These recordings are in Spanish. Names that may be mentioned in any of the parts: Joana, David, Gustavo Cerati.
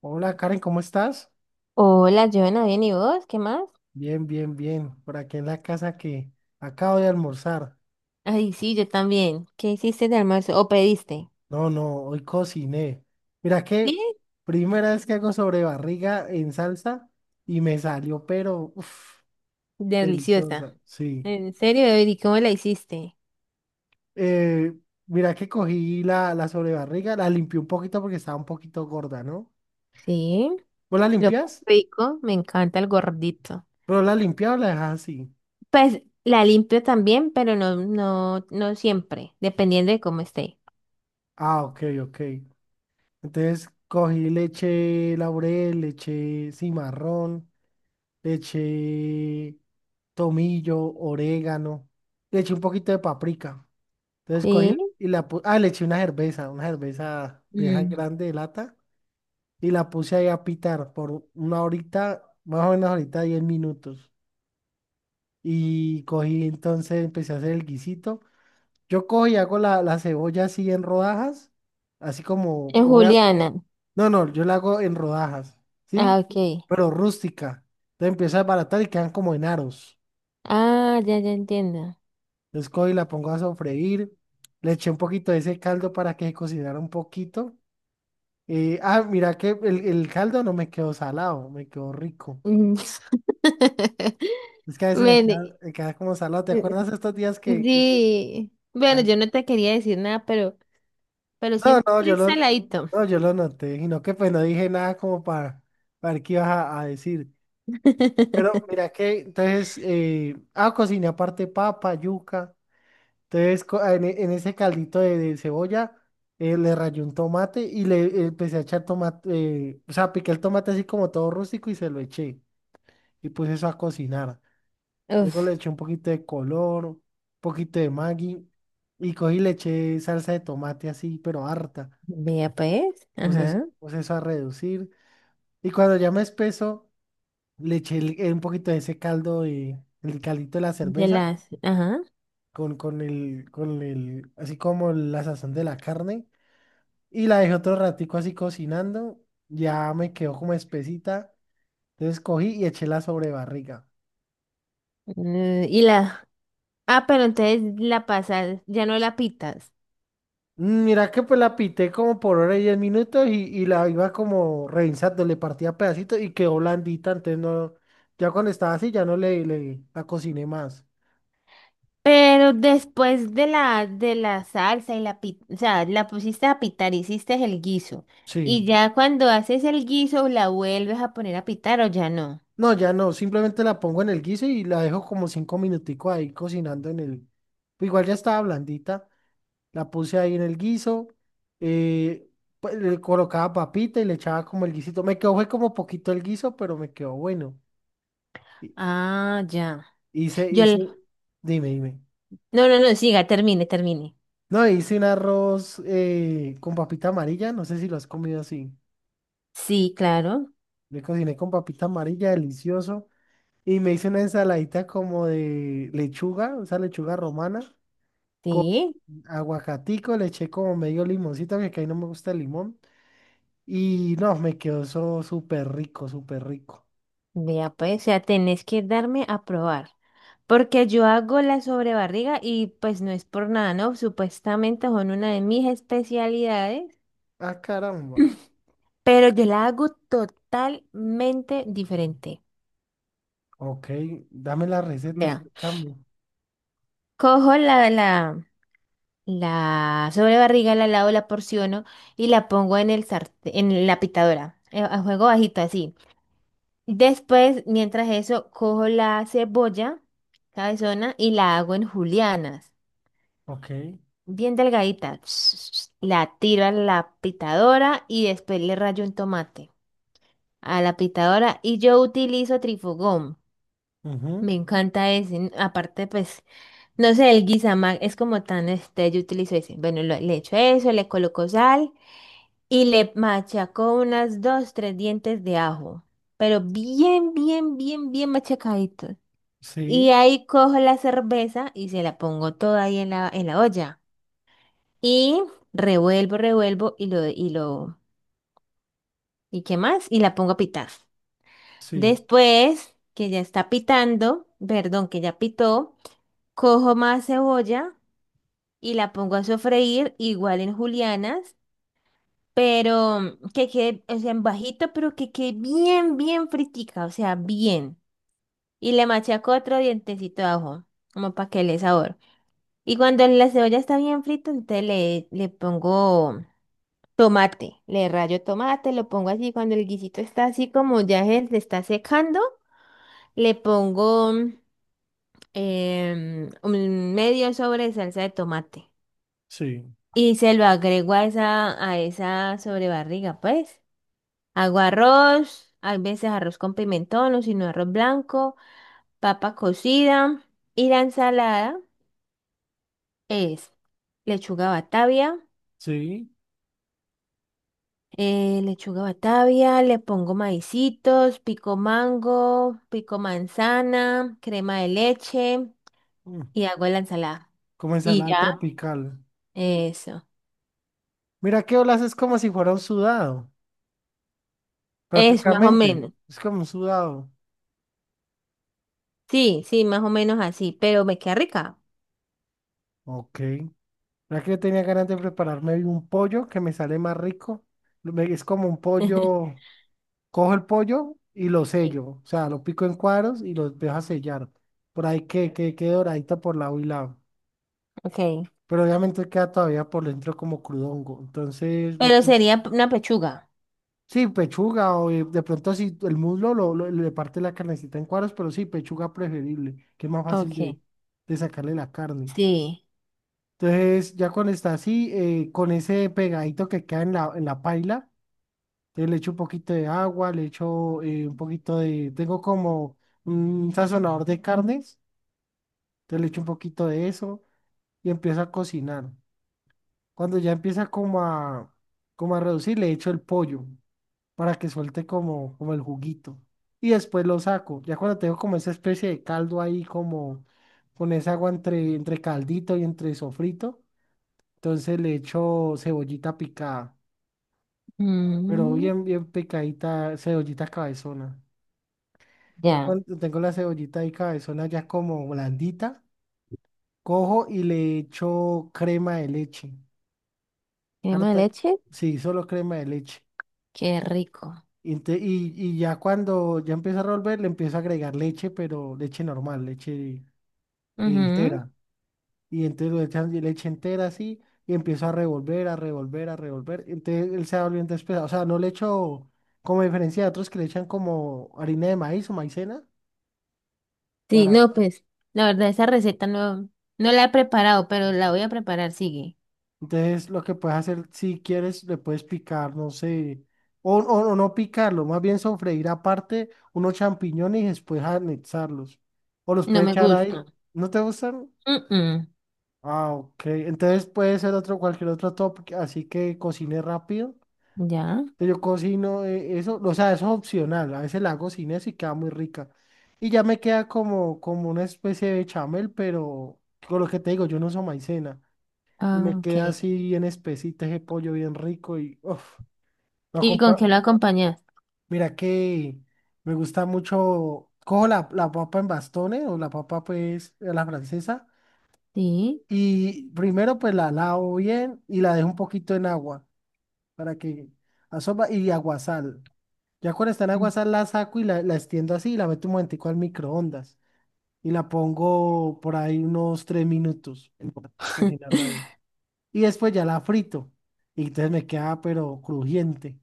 Hola Karen, ¿cómo estás? Hola, Joana, bien, ¿y vos? ¿Qué más? Bien, bien, bien. Por aquí en la casa que acabo de almorzar. Ay, sí, yo también. ¿Qué hiciste de almuerzo? ¿O pediste? No, no, hoy cociné. Mira que Sí, primera vez que hago sobre barriga en salsa y me salió, pero uf, deliciosa. deliciosa. Sí. En serio, David, ¿y cómo la hiciste? Eh, mira que cogí la sobrebarriga, la limpié un poquito porque estaba un poquito gorda, ¿no? Sí, ¿Vos la lo más limpias? rico, me encanta el gordito. ¿Pero la limpias o la dejas así? Pues la limpio también, pero no, no, no siempre, dependiendo de cómo esté. Ah, ok, ok. Entonces cogí leche laurel, leche cimarrón. Le eché tomillo, orégano. Le eché un poquito de paprika. Entonces Sí. cogí y la puse. Ah, le eché una cerveza de esa Mm. grande de lata. Y la puse ahí a pitar por una horita, más o menos ahorita 10 minutos. Y cogí, entonces empecé a hacer el guisito. Yo cojo y hago la cebolla así en rodajas. Así como. En Juliana. No, no, yo la hago en rodajas. Ah, ¿Sí? ok. Pero rústica. Entonces empiezo a desbaratar y quedan como en aros. Ah, ya, ya entiendo. Entonces cojo y la pongo a sofreír. Le eché un poquito de ese caldo para que cocinara un poquito. Mira que el caldo no me quedó salado, me quedó rico. Mm. Es que a veces Bueno, me queda como salado. ¿Te eh, acuerdas estos días que hice así? sí. Bueno, Ah, yo no te quería decir nada, pero no, no, siempre saladito. no, yo lo noté, sino que pues no dije nada como para ver qué ibas a decir. Pero mira que entonces, cociné aparte papa, yuca. Entonces, en ese caldito de cebolla, le rayé un tomate y le empecé a echar tomate, o sea, piqué el tomate así como todo rústico y se lo eché. Y puse eso a cocinar. Luego le Uf, eché un poquito de color, un poquito de Maggi y cogí y le eché salsa de tomate así, pero harta. vea pues, Puse, es- ajá, puse eso a reducir. Y cuando ya me espeso, le eché un poquito de ese caldo, el caldito de la de cerveza, las, ajá, con el, así como la sazón de la carne. Y la dejé otro ratico así cocinando, ya me quedó como espesita, entonces cogí y eché la sobrebarriga. eh, y la, ah, pero entonces la pasas, ya no la pitas, Mira que pues la pité como por hora y 10 minutos y la iba como revisando, le partía pedacitos y quedó blandita, entonces no, ya cuando estaba así ya no le la cociné más. pero después de la salsa y la pita, o sea, la pusiste a pitar, hiciste el guiso, Sí. y ya cuando haces el guiso, la vuelves a poner a pitar o ya no. No, ya no, simplemente la pongo en el guiso y la dejo como 5 minuticos ahí cocinando en el, igual ya estaba blandita. La puse ahí en el guiso. eh, pues, le colocaba papita y le echaba como el guisito. Me quedó, fue como poquito el guiso, pero me quedó bueno. Hi- Ah, ya. Hice, Yo, hice, la- Dime, dime. no, no, no, siga, termine, termine. No, hice un arroz con papita amarilla. No sé si lo has comido así. Sí, claro, Le cociné con papita amarilla, delicioso. Y me hice una ensaladita como de lechuga, esa lechuga romana, con sí. aguacatico. Le eché como medio limoncito, porque a mí no me gusta el limón. Y no, me quedó eso súper rico, súper rico. Vea, pues, o sea, tenés que darme a probar. Porque yo hago la sobrebarriga y pues no es por nada, ¿no? Supuestamente son una de mis especialidades, Ah, caramba. pero yo la hago totalmente diferente. Ok, dame la receta, Vea, explícame. cojo la la sobrebarriga, la lavo, la porciono y la pongo en el sartén, en la pitadora, a fuego bajito así. Después, mientras eso, cojo la cebolla cabezona y la hago en julianas. Ok, Bien delgadita. La tiro a la pitadora y después le rayo un tomate a la pitadora y yo utilizo trifugón. ujú, Me encanta ese. N- Aparte, pues, no sé, el guisamag es como tan este, yo utilizo ese. Bueno, lo- le echo eso, le coloco sal y le machaco unas dos, tres dientes de ajo. Pero bien, bien, bien, bien machacadito. Y sí, ahí cojo la cerveza y se la pongo toda ahí en la olla. Y revuelvo, revuelvo ¿y qué más? Y la pongo a pitar. sí, Después que ya está pitando, perdón, que ya pitó, cojo más cebolla y la pongo a sofreír igual en julianas, pero que quede, o sea, en bajito, pero que quede bien, bien fritica, o sea, bien. Y le machaco otro dientecito de ajo, como para que le dé sabor. Y cuando la cebolla está bien frita, entonces le pongo tomate, le rayo tomate, lo pongo así, cuando el guisito está así como ya se está secando, le pongo un medio sobre de salsa de tomate sí, y se lo agrego a esa sobrebarriga, pues. Hago arroz, a veces arroz con pimentón o si no arroz blanco, papa cocida y la ensalada es lechuga batavia. sí. Lechuga batavia, le pongo maicitos, pico mango, pico manzana, crema de leche mm, y hago la ensalada. Como Y ensalada ya, tropical. eso. Mira que olas es como si fuera un sudado, Es más o prácticamente. menos. Es como un sudado. Sí, sí, más o menos así, pero me queda rica. Ok. Mira que yo tenía ganas de prepararme un pollo que me sale más rico. Es como un pollo, cojo el pollo y lo Sí. sello. O sea, lo pico en cuadros y los dejo a sellar. Por ahí que quede doradito por lado y lado. Ok. Pero obviamente queda todavía por dentro como crudongo. Entonces, Pero sería p- una pechuga. sí, pechuga, o de pronto si el muslo le parte la carnecita en cuadros, pero sí, pechuga preferible, que es más fácil Ok. de sacarle la carne. Sí. Entonces, ya cuando está así, con ese pegadito que queda en la paila, entonces le echo un poquito de agua, le echo tengo como un sazonador de carnes, entonces le echo un poquito de eso y empiezo a cocinar. Cuando ya empieza como a reducir, le echo el pollo para que suelte como el juguito. Y después lo saco. Ya cuando tengo como esa especie de caldo ahí, como con esa agua entre caldito y entre sofrito, entonces le echo cebollita picada, pero Mm, bien, bien picadita, cebollita cabezona. Ya ya. cuando tengo la cebollita ahí cabezona ya como blandita, cojo y le echo crema de leche. Crema de Harta, leche, sí, solo crema de leche. qué rico. Y ya cuando ya empieza a revolver, le empieza a agregar leche, pero leche normal, leche Ujú. entera. Y entonces le echan leche entera así y empieza a revolver, a revolver, a revolver. Entonces él se va volviendo espesa. O sea, no le echo, como diferencia de otros que le echan como harina de maíz o maicena. Sí, Para... no, pues, la verdad, esa receta no, no la he preparado, pero la voy a preparar, sigue. Entonces lo que puedes hacer, si quieres, le puedes picar, no sé, o no picarlo, más bien sofreír aparte unos champiñones y después anexarlos. O los No puedes me echar gusta. ahí. ¿No te gustan? Mm, mm. Ah, ok. Entonces puede ser otro, cualquier otro top, así que cocine rápido. Ya. Yo cocino eso, o sea, eso es opcional. A veces la hago sin eso y queda muy rica. Y ya me queda como una especie de chamel, pero con lo que te digo, yo no uso maicena. Y Ah, me ok. queda así bien espesita ese pollo bien rico y uf, lo ¿Y con acompa- qué lo acompañas? Mira que me gusta mucho, cojo la papa en bastones o la papa pues a la francesa. Sí. Y primero pues la lavo bien y la dejo un poquito en agua para que asoma y aguasal. Ya cuando está en Mm. aguasal la saco y la extiendo así y la meto un momentico al microondas y la pongo por ahí unos 3 minutos en cocinarla ahí. Y después ya la frito y entonces me queda pero crujiente.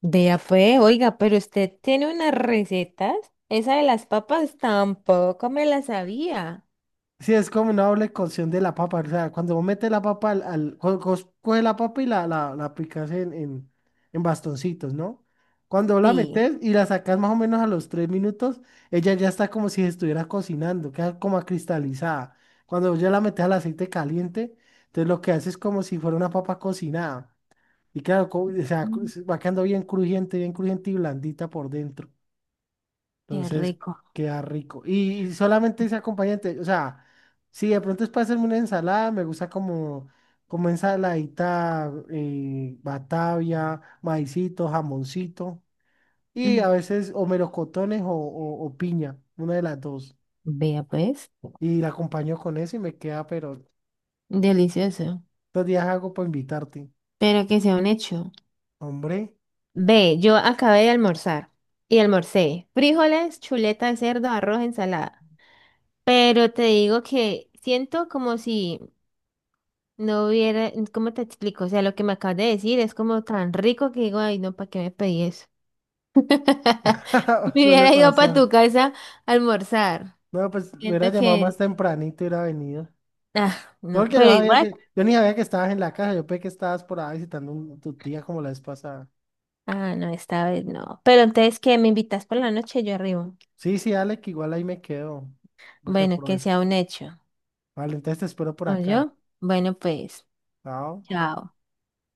Vea pues, oiga, pero usted tiene unas recetas. Esa de las papas tampoco me la sabía. Sí, es como una doble cocción de la papa. O sea, cuando vos metes la papa coge la papa y la picas en bastoncitos, ¿no? Cuando la Sí. metes y la sacas más o menos a los 3 minutos, ella ya está como si estuviera cocinando, queda como acristalizada. Cuando vos ya la metes al aceite caliente, entonces lo que hace es como si fuera una papa cocinada. Y claro, o sea, Mm. se va quedando bien crujiente y blandita por dentro. Qué Entonces, rico. queda rico. Y solamente ese acompañante, o sea, si de pronto es para hacerme una ensalada, me gusta como ensaladita, batavia, maicito, jamoncito, y Mm. a veces o melocotones o piña, una de las dos. Vea pues. Y la acompaño con eso y me queda, pero Delicioso. estos días hago para invitarte. Pero que sea un hecho. Hombre, Ve, yo acabé de almorzar y almorcé frijoles, chuleta de cerdo, arroz, ensalada. Pero te digo que siento como si no hubiera, ¿cómo te explico? O sea, lo que me acabas de decir es como tan rico que digo, ay, no, ¿para qué me pedí eso? Me suele hubiera ido para tu pasar. casa a almorzar. No, pues me Siento hubiera llamado más que, tempranito y hubiera venido. ah, No, no, porque no pero sabía igual, que, yo ni sabía que estabas en la casa, yo pensé que estabas por ahí visitando tu tía como la vez pasada. ah, no, esta vez no. Pero entonces, ¿qué? ¿Me invitas por la noche? Yo arribo. Sí, sí, dale, que igual ahí me quedo, porque Bueno, por que eso. sea un hecho. Vale, entonces te espero por ¿No acá. yo? Bueno, pues, Chao. chao.